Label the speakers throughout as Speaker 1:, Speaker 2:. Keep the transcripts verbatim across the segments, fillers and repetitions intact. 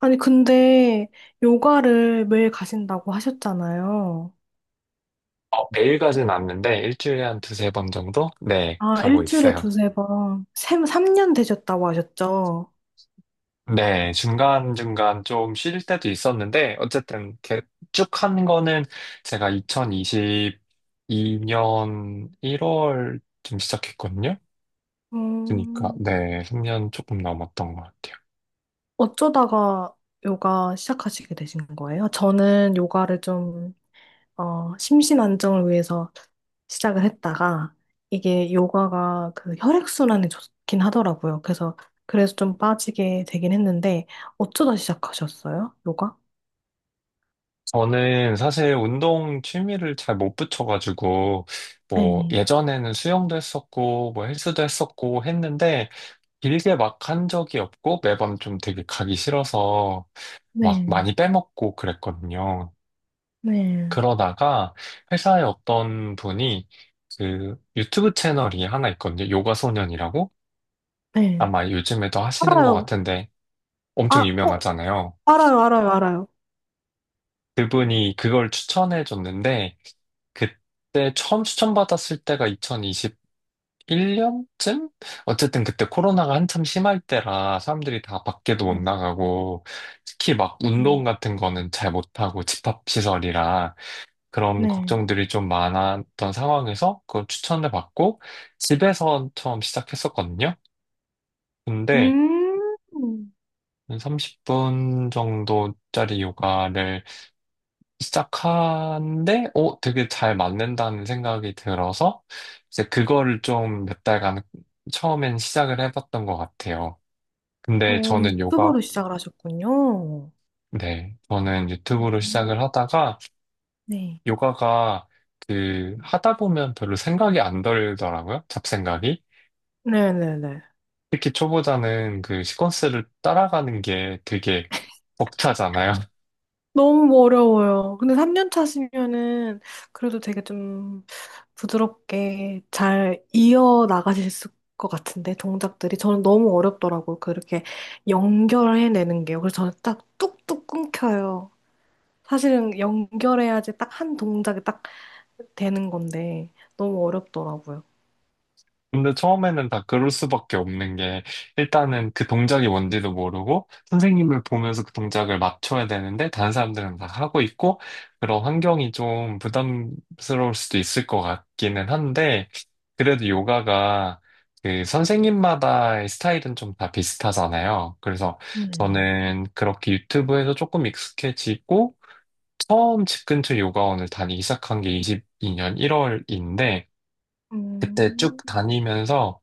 Speaker 1: 아니, 근데 요가를 매일 가신다고 하셨잖아요.
Speaker 2: 어, 매일 가진 않는데 일주일에 한 두세 번 정도? 네,
Speaker 1: 아,
Speaker 2: 가고
Speaker 1: 일주일에
Speaker 2: 있어요.
Speaker 1: 두세 번. 세, 삼 년 되셨다고 하셨죠?
Speaker 2: 네, 중간중간 좀 쉴 때도 있었는데 어쨌든 쭉 한 거는 제가 이천이십이 년 일 월쯤 시작했거든요. 그러니까
Speaker 1: 음.
Speaker 2: 네, 삼 년 조금 넘었던 것 같아요.
Speaker 1: 어쩌다가 요가 시작하시게 되신 거예요? 저는 요가를 좀, 어, 심신 안정을 위해서 시작을 했다가 이게 요가가 그 혈액순환에 좋긴 하더라고요. 그래서, 그래서 좀 빠지게 되긴 했는데 어쩌다 시작하셨어요? 요가?
Speaker 2: 저는 사실 운동 취미를 잘 못 붙여가지고 뭐
Speaker 1: 네.
Speaker 2: 예전에는 수영도 했었고 뭐 헬스도 했었고 했는데 길게 막 한 적이 없고 매번 좀 되게 가기 싫어서 막
Speaker 1: 네.
Speaker 2: 많이 빼먹고 그랬거든요.
Speaker 1: 네.
Speaker 2: 그러다가 회사에 어떤 분이 그 유튜브 채널이 하나 있거든요. 요가 소년이라고
Speaker 1: 네.
Speaker 2: 아마 요즘에도 하시는 것
Speaker 1: 알아요.
Speaker 2: 같은데 엄청
Speaker 1: 아, 어,
Speaker 2: 유명하잖아요.
Speaker 1: 알아요, 알아요, 알아요.
Speaker 2: 그분이 그걸 추천해 줬는데 그때 처음 추천받았을 때가 이천이십 일 년쯤? 어쨌든 그때 코로나가 한참 심할 때라 사람들이 다 밖에도 못
Speaker 1: 음.
Speaker 2: 나가고 특히 막 운동
Speaker 1: 음.
Speaker 2: 같은 거는 잘 못하고 집합시설이라 그런
Speaker 1: 네.
Speaker 2: 걱정들이 좀 많았던 상황에서 그걸 추천을 받고 집에서 처음 시작했었거든요. 근데
Speaker 1: 음,
Speaker 2: 한 삼십 분 정도짜리 요가를 시작하는데 어, 되게 잘 맞는다는 생각이 들어서 이제 그거를 좀 몇 달간 처음엔 시작을 해봤던 것 같아요. 근데
Speaker 1: 어,
Speaker 2: 저는
Speaker 1: 유튜버로
Speaker 2: 요가,
Speaker 1: 시작을 하셨군요.
Speaker 2: 네, 저는 유튜브로
Speaker 1: 음.
Speaker 2: 시작을 하다가
Speaker 1: 네.
Speaker 2: 요가가 그 하다 보면 별로 생각이 안 들더라고요. 잡생각이.
Speaker 1: 네네네.
Speaker 2: 특히 초보자는 그 시퀀스를 따라가는 게 되게 벅차잖아요.
Speaker 1: 너무 어려워요. 근데 삼 년 차시면은 그래도 되게 좀 부드럽게 잘 이어 나가실 수- 것 같은데, 동작들이. 저는 너무 어렵더라고요. 그렇게 연결해내는 게요. 그래서 저는 딱 뚝뚝 끊겨요. 사실은 연결해야지 딱 한 동작이 딱 되는 건데 너무 어렵더라고요.
Speaker 2: 근데 처음에는 다 그럴 수밖에 없는 게, 일단은 그 동작이 뭔지도 모르고, 선생님을 보면서 그 동작을 맞춰야 되는데, 다른 사람들은 다 하고 있고, 그런 환경이 좀 부담스러울 수도 있을 것 같기는 한데, 그래도 요가가 그 선생님마다의 스타일은 좀 다 비슷하잖아요. 그래서
Speaker 1: 음.
Speaker 2: 저는 그렇게 유튜브에서 조금 익숙해지고, 처음 집 근처 요가원을 다니기 시작한 게 이십이 년 일 월인데, 그때 쭉
Speaker 1: 음.
Speaker 2: 다니면서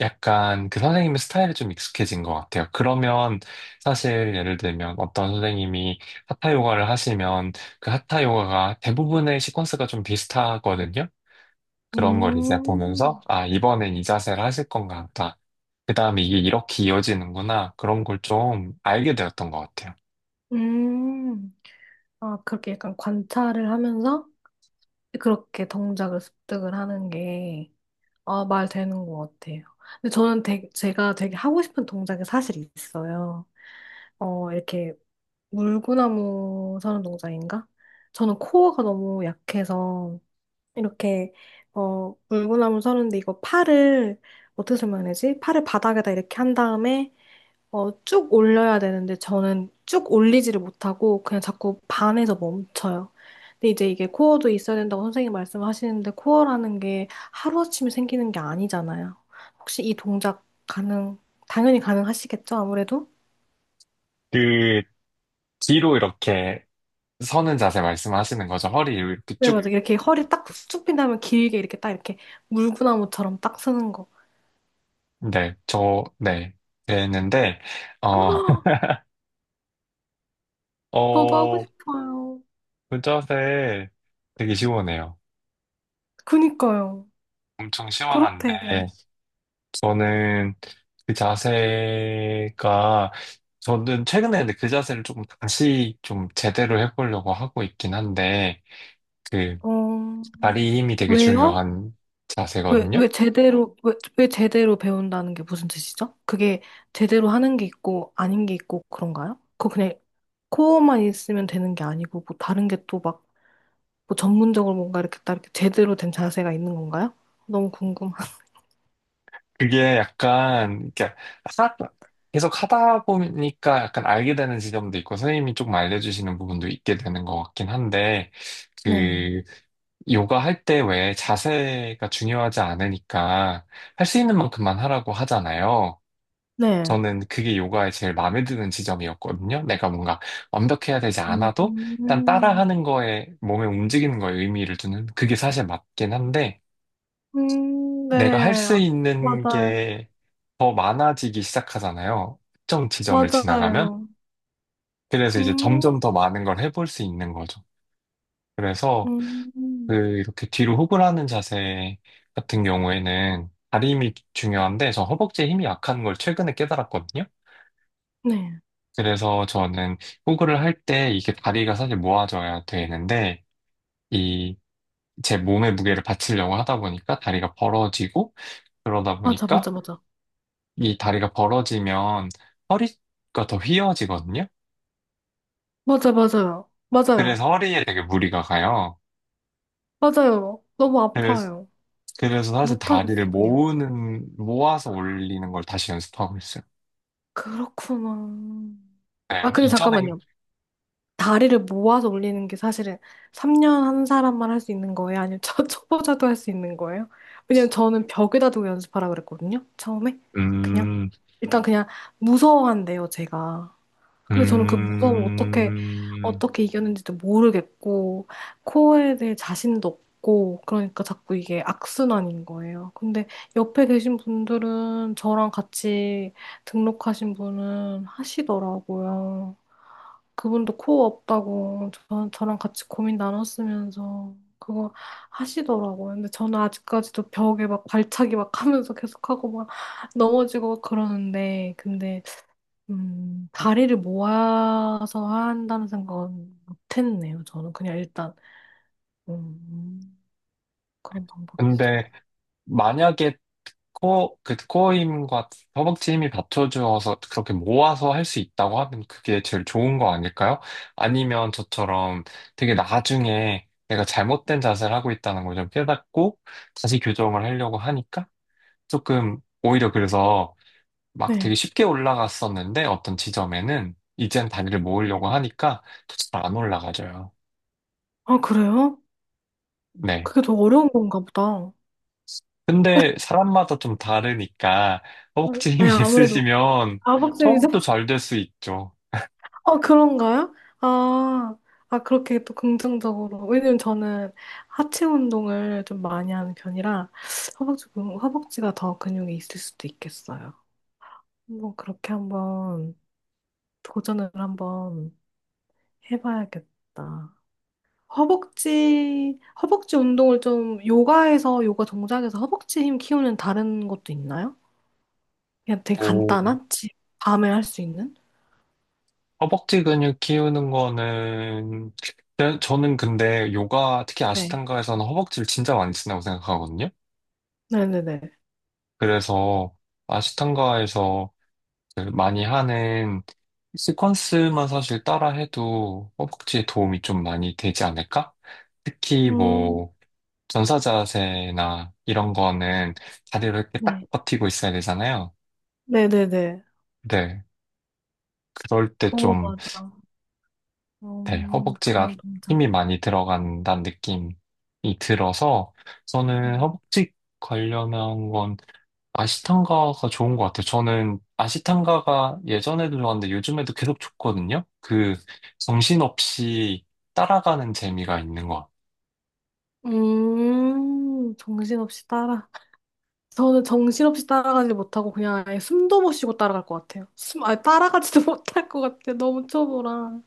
Speaker 2: 약간 그 선생님의 스타일이 좀 익숙해진 것 같아요. 그러면 사실 예를 들면 어떤 선생님이 하타 요가를 하시면 그 하타 요가가 대부분의 시퀀스가 좀 비슷하거든요. 그런 걸 이제 보면서
Speaker 1: 음.
Speaker 2: 아, 이번엔 이 자세를 하실 건가 하다. 그 다음에 이게 이렇게 이어지는구나. 그런 걸 좀 알게 되었던 것 같아요.
Speaker 1: 음. 아, 그렇게 약간 관찰을 하면서 그렇게 동작을 습득을 하는 게, 아, 말 되는 것 같아요. 근데 저는 되게, 제가 되게 하고 싶은 동작이 사실 있어요. 어, 이렇게 물구나무 서는 동작인가? 저는 코어가 너무 약해서 이렇게 어 물구나무 서는데 이거 팔을 어떻게 설명해야지? 팔을 바닥에다 이렇게 한 다음에 어 쭉 올려야 되는데 저는 쭉 올리지를 못하고 그냥 자꾸 반에서 멈춰요. 근데 이제 이게 코어도 있어야 된다고 선생님 말씀하시는데 코어라는 게 하루아침에 생기는 게 아니잖아요. 혹시 이 동작 가능, 당연히 가능하시겠죠, 아무래도?
Speaker 2: 그 뒤로 이렇게 서는 자세 말씀하시는 거죠. 허리 이렇게
Speaker 1: 네,
Speaker 2: 쭉,
Speaker 1: 맞아. 요 이렇게 허리 딱 쭉 핀 다음에 길게 이렇게 딱 이렇게 물구나무처럼 딱 서는 거.
Speaker 2: 네, 저, 네, 됐는데, 어,
Speaker 1: 저도 하고
Speaker 2: 어,
Speaker 1: 싶어요.
Speaker 2: 그 자세 되게 시원해요.
Speaker 1: 그니까요.
Speaker 2: 엄청
Speaker 1: 그렇대요.
Speaker 2: 시원한데 저는 그 자세가 저는 최근에 근데 그 자세를 조금 다시 좀 제대로 해보려고 하고 있긴 한데 그
Speaker 1: 어,
Speaker 2: 다리 힘이 되게
Speaker 1: 왜요?
Speaker 2: 중요한
Speaker 1: 왜,
Speaker 2: 자세거든요.
Speaker 1: 왜 제대로, 왜, 왜 제대로 배운다는 게 무슨 뜻이죠? 그게 제대로 하는 게 있고, 아닌 게 있고, 그런가요? 그거 그냥 코어만 있으면 되는 게 아니고, 뭐 다른 게 또 막, 뭐 전문적으로 뭔가 이렇게 딱 이렇게 제대로 된 자세가 있는 건가요? 너무 궁금한.
Speaker 2: 그게 약간 이렇게 하 계속 하다 보니까 약간 알게 되는 지점도 있고 선생님이 조금 알려주시는 부분도 있게 되는 것 같긴 한데
Speaker 1: 네.
Speaker 2: 그, 요가 할 때 왜 자세가 중요하지 않으니까 할 수 있는 만큼만 하라고 하잖아요.
Speaker 1: 네.
Speaker 2: 저는 그게 요가의 제일 마음에 드는 지점이었거든요. 내가 뭔가 완벽해야 되지 않아도
Speaker 1: 음.
Speaker 2: 일단 따라하는 거에 몸에 움직이는 거에 의미를 두는 그게 사실 맞긴 한데
Speaker 1: 음.
Speaker 2: 내가 할
Speaker 1: 네.
Speaker 2: 수 있는
Speaker 1: 맞아요.
Speaker 2: 게 더 많아지기 시작하잖아요. 특정 지점을 지나가면.
Speaker 1: 맞아요.
Speaker 2: 그래서 이제
Speaker 1: 음.
Speaker 2: 점점 더 많은 걸 해볼 수 있는 거죠. 그래서 그
Speaker 1: 음.
Speaker 2: 이렇게 뒤로 호흡을 하는 자세 같은 경우에는 다리 힘이 중요한데 저 허벅지에 힘이 약한 걸 최근에 깨달았거든요.
Speaker 1: 네.
Speaker 2: 그래서 저는 호흡을 할 때 이게 다리가 사실 모아져야 되는데 이 제 몸의 무게를 받치려고 하다 보니까 다리가 벌어지고 그러다
Speaker 1: 맞아,
Speaker 2: 보니까
Speaker 1: 맞아, 맞아.
Speaker 2: 이 다리가 벌어지면 허리가 더 휘어지거든요.
Speaker 1: 맞아, 맞아요. 맞아요.
Speaker 2: 그래서 허리에 되게 무리가 가요.
Speaker 1: 맞아요. 너무
Speaker 2: 그래서
Speaker 1: 아파요.
Speaker 2: 그래서 사실 다리를
Speaker 1: 못하겠어, 그냥.
Speaker 2: 모으는 모아서 올리는 걸 다시 연습하고 있어요.
Speaker 1: 그렇구나.
Speaker 2: 네,
Speaker 1: 아,
Speaker 2: 근데
Speaker 1: 근데
Speaker 2: 이전에
Speaker 1: 잠깐만요. 다리를 모아서 올리는 게 사실은 삼 년 한 사람만 할 수 있는 거예요? 아니면 저, 초보자도 할 수 있는 거예요? 왜냐면 저는 벽에다 두고 연습하라 그랬거든요. 처음에. 그냥.
Speaker 2: 음,
Speaker 1: 일단 그냥 무서워한대요, 제가. 근데 저는 그 무서움 어떻게
Speaker 2: 음,
Speaker 1: 어떻게 이겼는지도 모르겠고 코어에 대해 자신도 없고 그러니까 자꾸 이게 악순환인 거예요. 근데 옆에 계신 분들은 저랑 같이 등록하신 분은 하시더라고요. 그분도 코어 없다고 저, 저랑 같이 고민 나눴으면서 그거 하시더라고요. 근데 저는 아직까지도 벽에 막 발차기 막 하면서 계속하고 막 넘어지고 막 그러는데 근데 음, 다리를 모아서 한다는 생각은 못했네요. 저는 그냥 일단 음, 그런 방법이
Speaker 2: 근데
Speaker 1: 있었고.
Speaker 2: 만약에 코, 그 코어 힘과 허벅지 힘이 받쳐주어서 그렇게 모아서 할 수 있다고 하면 그게 제일 좋은 거 아닐까요? 아니면 저처럼 되게 나중에 내가 잘못된 자세를 하고 있다는 걸 좀 깨닫고 다시 교정을 하려고 하니까 조금 오히려 그래서 막
Speaker 1: 네.
Speaker 2: 되게 쉽게 올라갔었는데 어떤 지점에는 이젠 다리를
Speaker 1: 네.
Speaker 2: 모으려고 하니까 또 잘 안 올라가져요.
Speaker 1: 아, 그래요?
Speaker 2: 네.
Speaker 1: 그게 더 어려운 건가 보다.
Speaker 2: 근데 사람마다 좀 다르니까 허벅지 힘이
Speaker 1: 네, 아무래도
Speaker 2: 있으시면
Speaker 1: 아박쌤이죠?
Speaker 2: 처음부터 잘 될 수 있죠.
Speaker 1: 아, 그런가요? 아, 아, 그렇게 또 긍정적으로. 왜냐면 저는 하체 운동을 좀 많이 하는 편이라 허벅지, 근- 허벅지가 더 근육이 있을 수도 있겠어요. 한번 그렇게 한번 도전을 한번 해봐야겠다. 허벅지, 허벅지 운동을 좀 요가에서, 요가 동작에서 허벅지 힘 키우는 다른 것도 있나요? 그냥 되게
Speaker 2: 오.
Speaker 1: 간단한? 집, 밤에 할 수 있는?
Speaker 2: 허벅지 근육 키우는 거는 저- 저는 근데 요가 특히
Speaker 1: 네.
Speaker 2: 아시탄가에서는 허벅지를 진짜 많이 쓴다고 생각하거든요.
Speaker 1: 네네네.
Speaker 2: 그래서 아시탄가에서 그 많이 하는 시퀀스만 사실 따라해도 허벅지에 도움이 좀 많이 되지 않을까? 특히
Speaker 1: 음,
Speaker 2: 뭐 전사 자세나 이런 거는 다리를 이렇게 딱
Speaker 1: 네.
Speaker 2: 버티고 있어야 되잖아요.
Speaker 1: 네네네.
Speaker 2: 네. 그럴 때
Speaker 1: 오,
Speaker 2: 좀,
Speaker 1: 맞아.
Speaker 2: 네,
Speaker 1: 음,
Speaker 2: 허벅지가
Speaker 1: 그런 동작.
Speaker 2: 힘이 많이 들어간다는 느낌이 들어서 저는
Speaker 1: 음.
Speaker 2: 허벅지 관련한 건 아시탄가가 좋은 것 같아요. 저는 아시탄가가 예전에도 좋았는데 요즘에도 계속 좋거든요. 그 정신없이 따라가는 재미가 있는 것 같아요.
Speaker 1: 음, 정신없이 따라. 저는 정신없이 따라가지 못하고 그냥 아예 숨도 못 쉬고 따라갈 것 같아요. 숨, 아예 따라가지도 못할 것 같아요. 너무 초보라.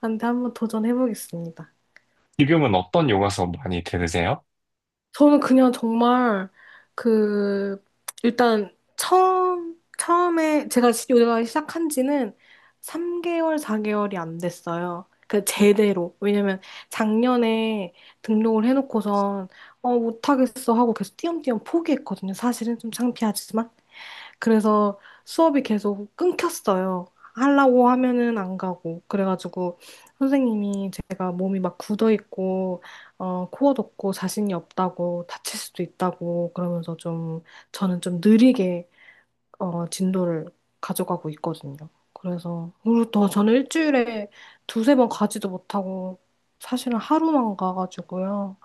Speaker 1: 안 돼, 한번 도전해보겠습니다.
Speaker 2: 지금은 어떤 요가수 많이 들으세요?
Speaker 1: 저는 그냥 정말 그 일단 처음 처음에 제가 시- 요가 시작한 지는 삼 개월, 사 개월이 안 됐어요. 그 제대로. 왜냐면 작년에 등록을 해놓고선 어 못하겠어 하고 계속 띄엄띄엄 포기했거든요. 사실은 좀 창피하지만. 그래서 수업이 계속 끊겼어요. 하려고 하면은 안 가고. 그래가지고 선생님이 제가 몸이 막 굳어 있고, 어, 코어 돕고 자신이 없다고 다칠 수도 있다고 그러면서 좀 저는 좀 느리게 어, 진도를 가져가고 있거든요. 그래서 그리고 또 저는 일주일에 두세 번 가지도 못하고 사실은 하루만 가가지고요.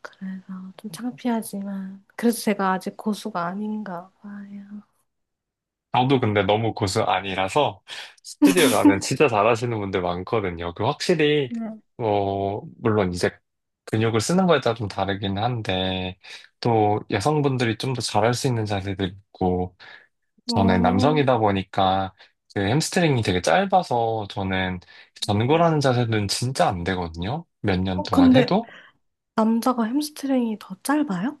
Speaker 1: 그래서 좀 창피하지만 그래도 제가 아직 고수가 아닌가 봐요.
Speaker 2: 저도 근데 너무 고수 아니라서 스튜디오 가면 진짜 잘하시는 분들 많거든요. 그 확실히 어 물론 이제 근육을 쓰는 거에 따라 좀 다르긴 한데 또 여성분들이 좀 더 잘할 수 있는 자세들 있고 저는
Speaker 1: 어.
Speaker 2: 남성이다 보니까 그 햄스트링이 되게 짧아서 저는 전굴하는 자세는 진짜 안 되거든요. 몇 년
Speaker 1: 어,
Speaker 2: 동안
Speaker 1: 근데 그러면
Speaker 2: 해도.
Speaker 1: 남자가 햄스트링이 더 짧아요?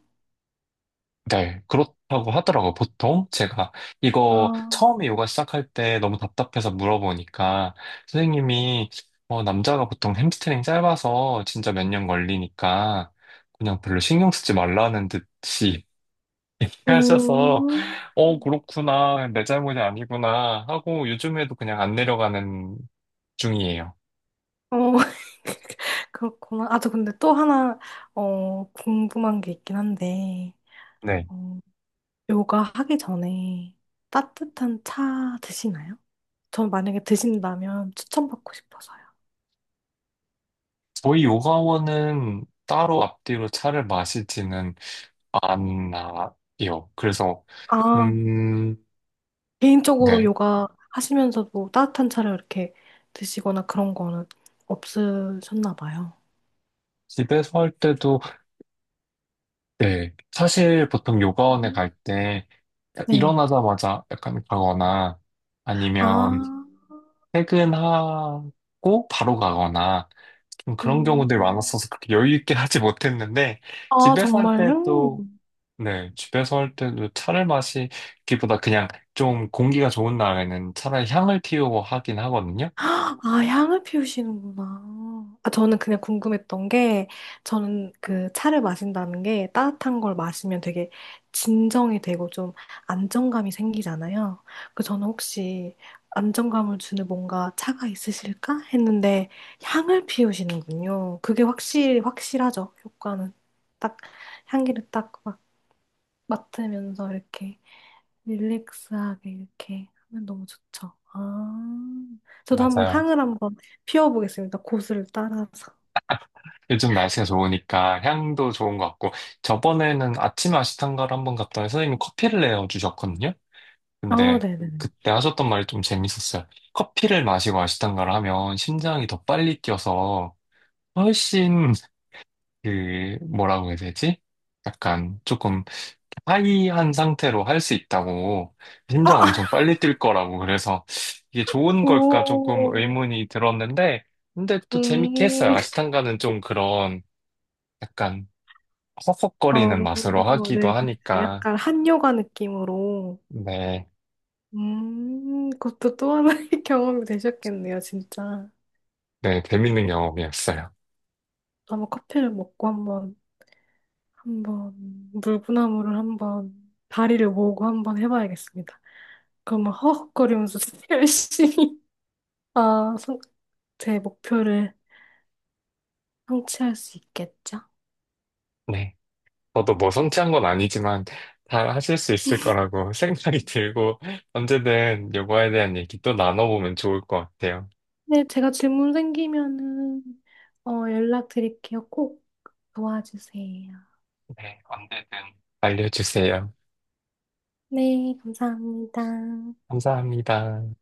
Speaker 2: 네, 그렇다고 하더라고요. 보통 제가 이거
Speaker 1: 아,
Speaker 2: 처음에 요가 시작할 때 너무 답답해서 물어보니까 선생님이 어, 남자가 보통 햄스트링 짧아서 진짜 몇 년 걸리니까 그냥 별로 신경 쓰지 말라는 듯이 하셔서
Speaker 1: 음,
Speaker 2: 어, 그렇구나. 내 잘못이 아니구나 하고 요즘에도 그냥 안 내려가는 중이에요.
Speaker 1: 어, 그렇구나. 아, 저 근데 또 하나, 어, 궁금한 게 있긴 한데,
Speaker 2: 네.
Speaker 1: 어, 요가 하기 전에 따뜻한 차 드시나요? 전 만약에 드신다면 추천받고 싶어서요.
Speaker 2: 저희 요가원은 따로 앞뒤로 차를 마시지는 안 나요. 그래서,
Speaker 1: 아,
Speaker 2: 음,
Speaker 1: 개인적으로
Speaker 2: 네.
Speaker 1: 요가 하시면서도 따뜻한 차를 이렇게 드시거나 그런 거는 없으셨나 봐요.
Speaker 2: 집에서 할 때도, 네. 사실 보통 요가원에
Speaker 1: 음.
Speaker 2: 갈 때,
Speaker 1: 네.
Speaker 2: 일어나자마자 약간 가거나,
Speaker 1: 아
Speaker 2: 아니면
Speaker 1: 아,
Speaker 2: 퇴근하고 바로 가거나, 좀 그런 경우들이
Speaker 1: 음.
Speaker 2: 많았어서 그렇게 여유 있게 하지 못했는데,
Speaker 1: 아,
Speaker 2: 집에서 할
Speaker 1: 정말요?
Speaker 2: 때도, 네. 집에서 할 때도 차를 마시기보다 그냥 좀 공기가 좋은 날에는 차라리 향을 피우고 하긴 하거든요.
Speaker 1: 아, 향을 피우시는구나. 아, 저는 그냥 궁금했던 게, 저는 그 차를 마신다는 게 따뜻한 걸 마시면 되게 진정이 되고 좀 안정감이 생기잖아요. 그 저는 혹시 안정감을 주는 뭔가 차가 있으실까? 했는데 향을 피우시는군요. 그게 확실히 확실하죠. 효과는 딱 향기를 딱 막 맡으면서 이렇게. 릴렉스하게 이렇게 하면 너무 좋죠. 아, 저도 한번
Speaker 2: 맞아요.
Speaker 1: 향을 한번 피워보겠습니다. 고수를 따라서.
Speaker 2: 요즘 날씨가 좋으니까 향도 좋은 것 같고 저번에는 아침 아시탄가를 한번 갔더니 선생님이 커피를 내어 주셨거든요.
Speaker 1: 어,
Speaker 2: 근데
Speaker 1: 네네네.
Speaker 2: 그때 하셨던 말이 좀 재밌었어요. 커피를 마시고 아시탄가를 하면 심장이 더 빨리 뛰어서 훨씬 그 뭐라고 해야 되지? 약간 조금 하이한 상태로 할 수 있다고 심장 엄청
Speaker 1: 아,
Speaker 2: 빨리 뛸 거라고 그래서 이게 좋은 걸까 조금
Speaker 1: 오,
Speaker 2: 의문이 들었는데 근데 또 재밌게 했어요.
Speaker 1: 음,
Speaker 2: 아시탄가는 좀 그런 약간
Speaker 1: 어,
Speaker 2: 허걱거리는 맛으로 하기도
Speaker 1: 네, 그쵸.
Speaker 2: 하니까,
Speaker 1: 약간 한요가 느낌으로.
Speaker 2: 네,
Speaker 1: 음, 그것도 또 하나의 경험이 되셨겠네요, 진짜.
Speaker 2: 네, 재밌는 경험이었어요.
Speaker 1: 한번 커피를 먹고 한번, 한번, 물구나무를 한번, 다리를 모으고 한번 해봐야겠습니다. 그러면 허헉거리면서 열심히. 아, 성- 제 목표를 성취할 수 있겠죠?
Speaker 2: 네. 저도 뭐 성취한 건 아니지만, 잘 하실 수 있을 거라고 생각이 들고, 언제든 요거에 대한 얘기 또 나눠보면 좋을 것 같아요.
Speaker 1: 네, 제가 질문 생기면은 어, 연락드릴게요. 꼭 도와주세요.
Speaker 2: 네, 언제든 알려주세요.
Speaker 1: 네, 감사합니다.
Speaker 2: 감사합니다.